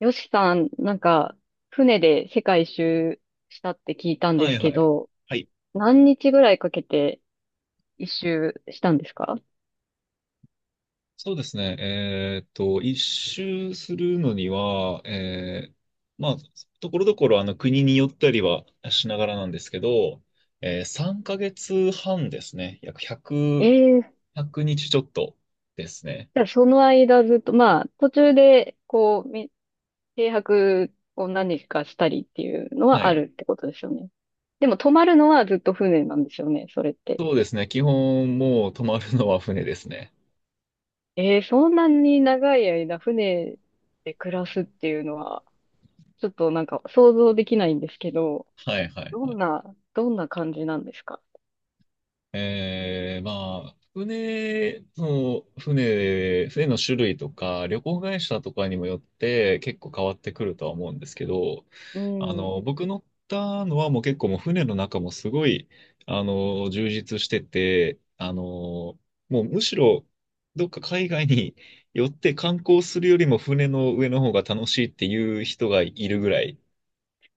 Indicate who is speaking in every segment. Speaker 1: よしさん、なんか、船で世界一周したって聞いたんで
Speaker 2: は
Speaker 1: す
Speaker 2: い
Speaker 1: け
Speaker 2: はい。
Speaker 1: ど、
Speaker 2: はい。
Speaker 1: 何日ぐらいかけて一周したんですか？
Speaker 2: そうですね。一周するのには、まあ、ところどころ国によったりはしながらなんですけど、3ヶ月半ですね。約1
Speaker 1: え
Speaker 2: 0
Speaker 1: えー。
Speaker 2: 100日ちょっとですね。
Speaker 1: じゃあその間ずっと、まあ、途中で、こう、停泊を何日かしたりっていうのは
Speaker 2: は
Speaker 1: あ
Speaker 2: い。
Speaker 1: るってことですよね。でも泊まるのはずっと船なんですよね、それって。
Speaker 2: そうですね。基本もう泊まるのは船ですね。
Speaker 1: ええー、そんなに長い間船で暮らすっていうのは、ちょっとなんか想像できないんですけど、
Speaker 2: はいはい
Speaker 1: ど
Speaker 2: は
Speaker 1: ん
Speaker 2: い。
Speaker 1: な、どんな感じなんですか？
Speaker 2: 船の種類とか、旅行会社とかにもよって結構変わってくるとは思うんですけど、
Speaker 1: うん。
Speaker 2: 僕乗ったのはもう結構もう船の中もすごい、充実してて、むしろどっか海外に 寄って観光するよりも船の上の方が楽しいっていう人がいるぐらい。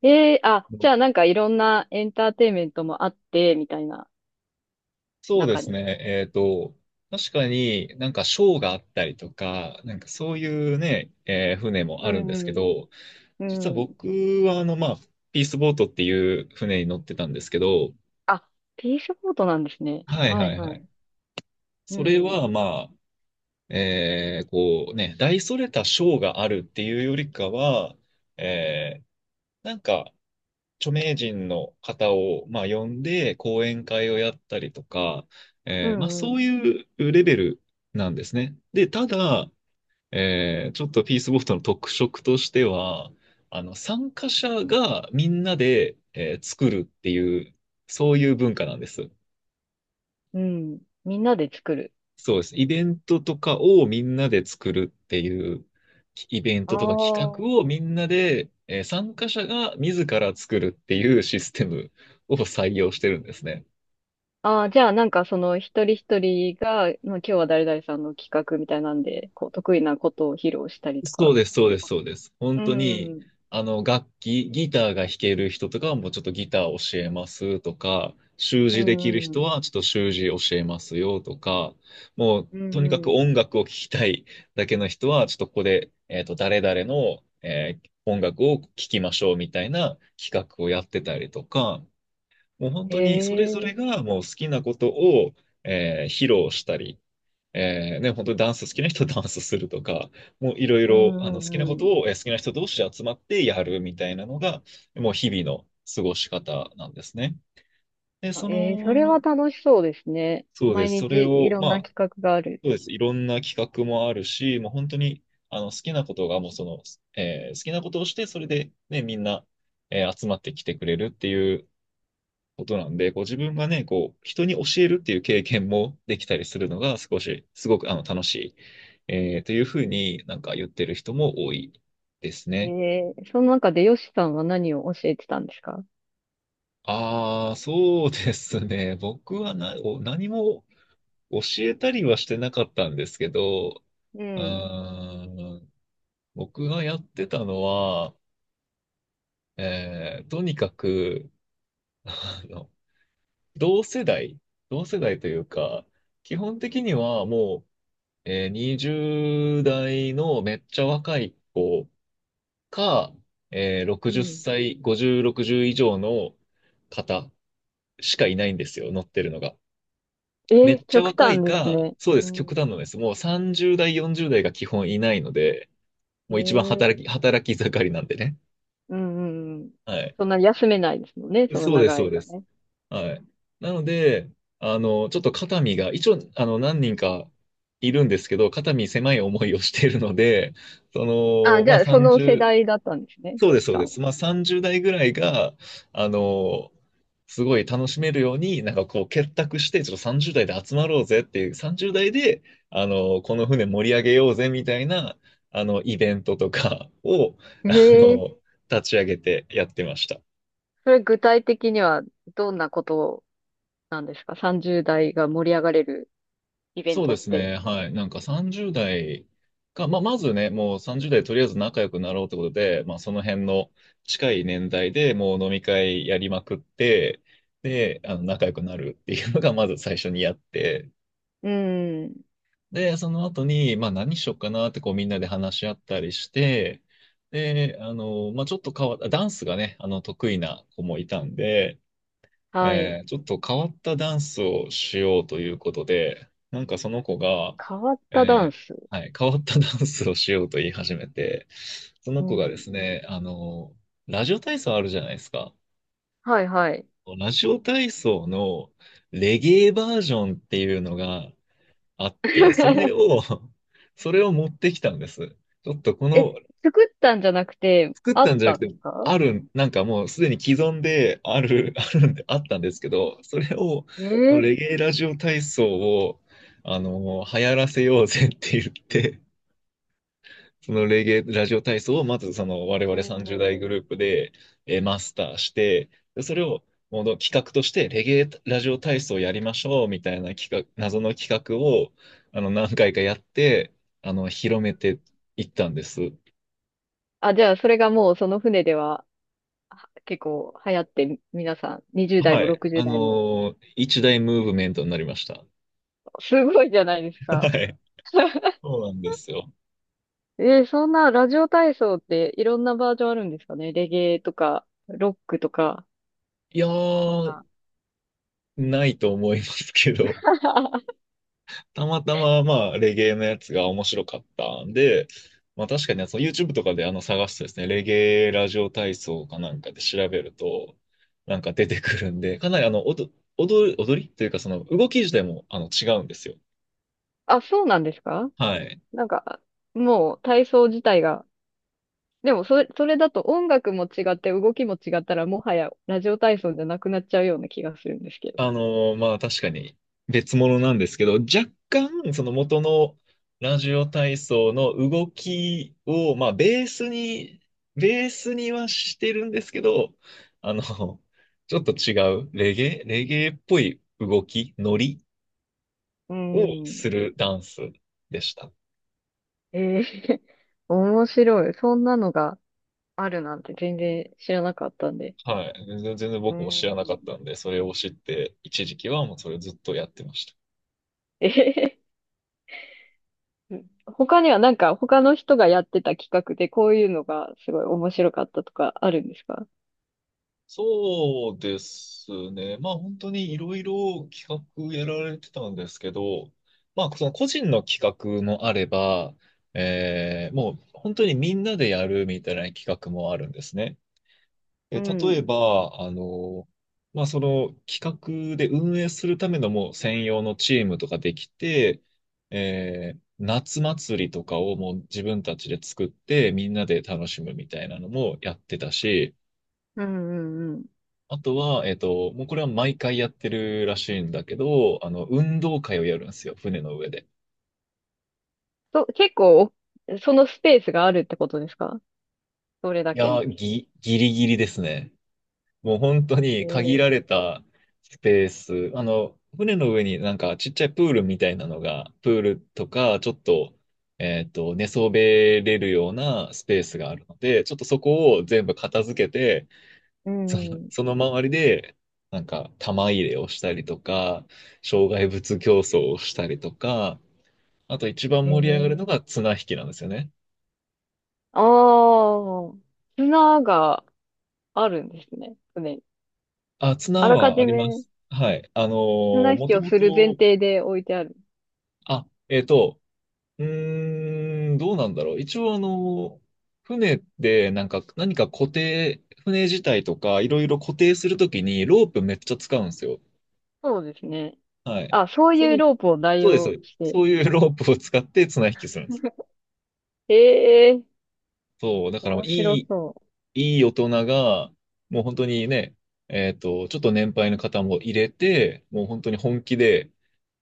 Speaker 1: あ、じゃあなんかいろんなエンターテインメントもあって、みたいな
Speaker 2: そうで
Speaker 1: 中
Speaker 2: す
Speaker 1: に。
Speaker 2: ね。確かになんかショーがあったりとか、なんかそういうね、船も
Speaker 1: う
Speaker 2: あるんですけ
Speaker 1: ん
Speaker 2: ど、
Speaker 1: う
Speaker 2: 実は
Speaker 1: ん。うん。
Speaker 2: 僕はピースボートっていう船に乗ってたんですけど、
Speaker 1: あ、ピースボートなんですね。
Speaker 2: はい
Speaker 1: は
Speaker 2: は
Speaker 1: い
Speaker 2: い
Speaker 1: は
Speaker 2: はい。
Speaker 1: い。う
Speaker 2: それ
Speaker 1: ん。
Speaker 2: はまあ、大それたショーがあるっていうよりかは、えーなんか著名人の方を、まあ、呼んで講演会をやったりとか、
Speaker 1: う
Speaker 2: まあ、
Speaker 1: んう
Speaker 2: そ
Speaker 1: ん。
Speaker 2: ういうレベルなんですね。で、ただ、ちょっとピースボフトの特色としては、参加者がみんなで、作るっていう、そういう文化なんです。
Speaker 1: うん。みんなで作る。
Speaker 2: そうです。イベントとかをみんなで作るっていう、イベン
Speaker 1: あ
Speaker 2: トとか企画を
Speaker 1: あ。
Speaker 2: みんなで、参加者が自ら作るっていうシステムを採用してるんですね。
Speaker 1: ああ、じゃあなんかその一人一人が、まあ、今日は誰々さんの企画みたいなんで、こう得意なことを披露したりとか
Speaker 2: そう
Speaker 1: っ
Speaker 2: です、そ
Speaker 1: て
Speaker 2: う
Speaker 1: いう
Speaker 2: です、
Speaker 1: こと。
Speaker 2: そうです。本
Speaker 1: う
Speaker 2: 当に、
Speaker 1: ん。
Speaker 2: 楽器、ギターが弾ける人とかはもうちょっとギター教えますとか、習
Speaker 1: う
Speaker 2: 字できる
Speaker 1: んう
Speaker 2: 人
Speaker 1: ん。
Speaker 2: はちょっと習字教えますよとか、もう
Speaker 1: うん
Speaker 2: とにかく
Speaker 1: うん。
Speaker 2: 音楽を聴きたいだけの人は、ちょっとここで、誰々の、音楽を聴きましょうみたいな企画をやってたりとか、もう本
Speaker 1: へ
Speaker 2: 当にそれぞ
Speaker 1: え。
Speaker 2: れがもう好きなことを、披露したり、ね、本当にダンス好きな人は ダンスするとか、もういろい
Speaker 1: う
Speaker 2: ろ
Speaker 1: んう
Speaker 2: 好きなこ
Speaker 1: んう
Speaker 2: と
Speaker 1: ん。
Speaker 2: を、好きな人同士で集まってやるみたいなのが、もう日々の過ごし方なんですね。で、そ
Speaker 1: それは
Speaker 2: の、
Speaker 1: 楽しそうですね。
Speaker 2: そうで
Speaker 1: 毎
Speaker 2: す。それ
Speaker 1: 日い
Speaker 2: を、
Speaker 1: ろん
Speaker 2: ま
Speaker 1: な
Speaker 2: あ、
Speaker 1: 企画がある。
Speaker 2: そうです。いろんな企画もあるし、もう本当に好きなことがもうその、好きなことをして、それで、ね、みんな、集まってきてくれるっていうことなんで、こう自分がね、こう、人に教えるっていう経験もできたりするのが少し、すごく楽しい、というふうになんか言ってる人も多いですね。
Speaker 1: えその中でヨシさんは何を教えてたんですか？
Speaker 2: ああ、そうですね。僕は何も教えたりはしてなかったんですけど、
Speaker 1: う
Speaker 2: うー
Speaker 1: ん。
Speaker 2: ん、僕がやってたのは、とにかく、あの、同世代、同世代というか、基本的にはもう、20代のめっちゃ若い子か、
Speaker 1: う
Speaker 2: 60
Speaker 1: ん。
Speaker 2: 歳、50、60以上の方しかいないんですよ、乗ってるのが。めっちゃ
Speaker 1: 極
Speaker 2: 若
Speaker 1: 端
Speaker 2: い
Speaker 1: です
Speaker 2: か、
Speaker 1: ね。
Speaker 2: そうで
Speaker 1: う
Speaker 2: す、極
Speaker 1: ん。
Speaker 2: 端なんです。もう30代、40代が基本いないので、
Speaker 1: え
Speaker 2: もう一番
Speaker 1: ー、
Speaker 2: 働き盛りなんでね。
Speaker 1: うんうんうん。
Speaker 2: はい。
Speaker 1: そんな休めないですもんね、その
Speaker 2: そうです、
Speaker 1: 長
Speaker 2: そ
Speaker 1: い
Speaker 2: うで
Speaker 1: 間
Speaker 2: す。
Speaker 1: ね。
Speaker 2: はい。なので、ちょっと肩身が、一応、何人かいるんですけど、肩身狭い思いをしているので、そ
Speaker 1: あ、
Speaker 2: の、
Speaker 1: じ
Speaker 2: まあ、
Speaker 1: ゃ
Speaker 2: ね。
Speaker 1: あ、その世
Speaker 2: 30、
Speaker 1: 代だったんですね、
Speaker 2: そう
Speaker 1: ヨ
Speaker 2: です、
Speaker 1: シ
Speaker 2: そう
Speaker 1: さん
Speaker 2: で
Speaker 1: は。
Speaker 2: す。まあ、30代ぐらいが、あの、すごい楽しめるように、なんかこう、結託して、ちょっと30代で集まろうぜっていう、30代で、この船盛り上げようぜみたいな、イベントとかを、あ
Speaker 1: え
Speaker 2: の、
Speaker 1: ー、
Speaker 2: 立ち上げてやってました。
Speaker 1: それ具体的にはどんなことなんですか？ 30 代が盛り上がれるイベン
Speaker 2: そう
Speaker 1: ト
Speaker 2: で
Speaker 1: っ
Speaker 2: す
Speaker 1: て。
Speaker 2: ね。はい。なんか30代が、まあ、まずね、もう30代とりあえず仲良くなろうってことで、まあ、その辺の近い年代でもう飲み会やりまくって、で、仲良くなるっていうのが まず最初にやって、
Speaker 1: うん。
Speaker 2: で、その後に、まあ、何しよっかなってこうみんなで話し合ったりして、で、まあ、ちょっと変わった、ダンスがね、得意な子もいたんで、
Speaker 1: はい。
Speaker 2: ちょっと変わったダンスをしようということで、なんかその子が、
Speaker 1: 変わったダ
Speaker 2: え
Speaker 1: ン
Speaker 2: ー
Speaker 1: ス。
Speaker 2: はい、変わったダンスをしようと言い始めて、そ
Speaker 1: う
Speaker 2: の子がで
Speaker 1: ん。
Speaker 2: すね、ラジオ体操あるじゃないですか。
Speaker 1: はいはい。
Speaker 2: ラジオ体操のレゲエバージョンっていうのがあって、それ を、それを持ってきたんです。ちょっと
Speaker 1: え、作ったんじゃなくて、
Speaker 2: 作っ
Speaker 1: あ
Speaker 2: た
Speaker 1: っ
Speaker 2: んじゃな
Speaker 1: た
Speaker 2: く
Speaker 1: んで
Speaker 2: て、
Speaker 1: すか？
Speaker 2: なんかもうすでに既存である、あるんで、あったんですけど、それを、
Speaker 1: えー、
Speaker 2: レゲエラジオ体操を、流行らせようぜって言って、そのレゲエラジオ体操をまずその我
Speaker 1: う
Speaker 2: 々
Speaker 1: ん
Speaker 2: 30
Speaker 1: うんう
Speaker 2: 代グ
Speaker 1: ん。
Speaker 2: ループで、マスターして、でそれをもう企画としてレゲエラジオ体操やりましょうみたいな企画、謎の企画を何回かやって、広めていったんです。
Speaker 1: あ、じゃあ、それがもうその船では結構流行って、皆さん、20代
Speaker 2: は
Speaker 1: も
Speaker 2: い。
Speaker 1: 60代も。
Speaker 2: 一大ムーブメントになりました。
Speaker 1: すごいじゃないです
Speaker 2: は
Speaker 1: か。
Speaker 2: い。そうなんですよ。
Speaker 1: そんなラジオ体操っていろんなバージョンあるんですかね、レゲエとか、ロックとか、
Speaker 2: いや
Speaker 1: そん
Speaker 2: ー、
Speaker 1: な。
Speaker 2: ないと思いますけど、たまたま、まあ、レゲエのやつが面白かったんで、まあ確かに、その YouTube とかで探すとですね、レゲエラジオ体操かなんかで調べると、なんか出てくるんで、かなり踊る、踊りというか、その動き自体も違うんですよ。
Speaker 1: あ、そうなんですか？
Speaker 2: はい。
Speaker 1: なんか、もう体操自体がでもそれだと音楽も違って動きも違ったらもはやラジオ体操じゃなくなっちゃうような気がするんですけど。
Speaker 2: まあ確かに別物なんですけど、若干その元のラジオ体操の動きを、まあベースに、ベースにはしてるんですけど、あの、ちょっと違う、レゲエ、レゲエっぽい動き、ノリ
Speaker 1: う
Speaker 2: を
Speaker 1: ん。
Speaker 2: するダンスでした。
Speaker 1: ええ 面白い。そんなのがあるなんて全然知らなかったんで。
Speaker 2: はい。全然全然
Speaker 1: う
Speaker 2: 僕も知らなかっ
Speaker 1: ん。
Speaker 2: たんで、それを知って、一時期はもうそれをずっとやってました。
Speaker 1: ええ 他にはなんか他の人がやってた企画でこういうのがすごい面白かったとかあるんですか？
Speaker 2: そうですね。まあ本当にいろいろ企画やられてたんですけど、まあその個人の企画もあれば、もう本当にみんなでやるみたいな企画もあるんですね。
Speaker 1: う
Speaker 2: え、例え
Speaker 1: ん。
Speaker 2: ば、まあその企画で運営するためのもう専用のチームとかできて、夏祭りとかをもう自分たちで作ってみんなで楽しむみたいなのもやってたし、
Speaker 1: うんうんうん。
Speaker 2: あとは、もうこれは毎回やってるらしいんだけど、運動会をやるんですよ、船の上で。
Speaker 1: と、結構、そのスペースがあるってことですか？それだ
Speaker 2: い
Speaker 1: け
Speaker 2: や
Speaker 1: の。
Speaker 2: ー、ギリギリですね。もう本当に限
Speaker 1: え
Speaker 2: られ
Speaker 1: え、
Speaker 2: たスペース。船の上になんかちっちゃいプールみたいなのが、プールとか、ちょっと、寝そべれるようなスペースがあるので、ちょっとそこを全部片付けて、
Speaker 1: うんうん。
Speaker 2: その周りで、なんか、玉入れをしたりとか、障害物競争をしたりとか、あと一番
Speaker 1: え
Speaker 2: 盛り上がるの
Speaker 1: え、
Speaker 2: が綱引きなんですよね。
Speaker 1: ああ、砂があるんですね。船に。
Speaker 2: あ、
Speaker 1: あ
Speaker 2: 綱
Speaker 1: らか
Speaker 2: はあ
Speaker 1: じ
Speaker 2: りま
Speaker 1: め
Speaker 2: す。はい。
Speaker 1: 綱引
Speaker 2: も
Speaker 1: き
Speaker 2: と
Speaker 1: を
Speaker 2: も
Speaker 1: する前
Speaker 2: と、
Speaker 1: 提で置いてある。
Speaker 2: あ、えっと、うーん、どうなんだろう。一応船でなんか、何か固定、船自体とか、いろいろ固定するときにロープめっちゃ使うんですよ。
Speaker 1: そうですね。
Speaker 2: はい。
Speaker 1: あ、そう
Speaker 2: そ
Speaker 1: いう
Speaker 2: の、
Speaker 1: ロープを代
Speaker 2: そうで
Speaker 1: 用
Speaker 2: す。
Speaker 1: し
Speaker 2: そ
Speaker 1: て。
Speaker 2: ういうロープを使って綱引きするんです。
Speaker 1: ええ、
Speaker 2: そう。だから
Speaker 1: 面白そ
Speaker 2: いい大人が、もう本当にね、ちょっと年配の方も入れて、もう本当に本気で、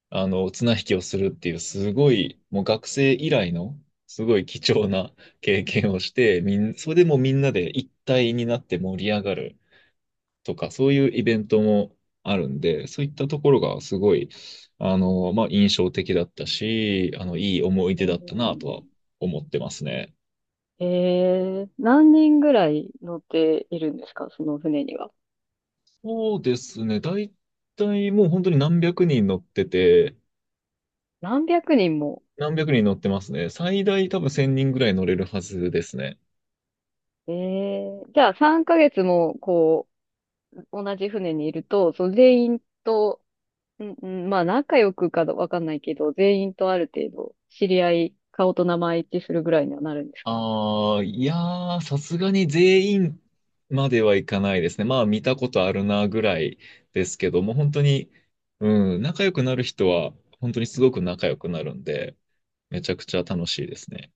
Speaker 2: 綱引きをするっていう、すごい、もう学生以来の、すごい貴重な経験をして、それでもうみんなで一体になって盛り上がるとか、そういうイベントもあるんで、そういったところがすごい、印象的だったし、いい思い
Speaker 1: う。
Speaker 2: 出
Speaker 1: う
Speaker 2: だったなとは
Speaker 1: ん、
Speaker 2: 思ってますね。
Speaker 1: ええ、何人ぐらい乗っているんですか、その船には。
Speaker 2: そうですね。だいたいもう本当に何百人乗ってて、
Speaker 1: 何百人も。
Speaker 2: 何百人乗ってますね。最大多分1000人ぐらい乗れるはずですね。
Speaker 1: ええ、じゃあ3ヶ月も、こう、同じ船にいると、その全員と、うんうん、まあ、仲良くかどわかんないけど、全員とある程度、知り合い、顔と名前一致するぐらいにはなるんですか？
Speaker 2: ああ、いやー、さすがに全員まではいかないですね。まあ見たことあるなぐらいですけども、本当に、うん、仲良くなる人は本当にすごく仲良くなるんで、めちゃくちゃ楽しいですね。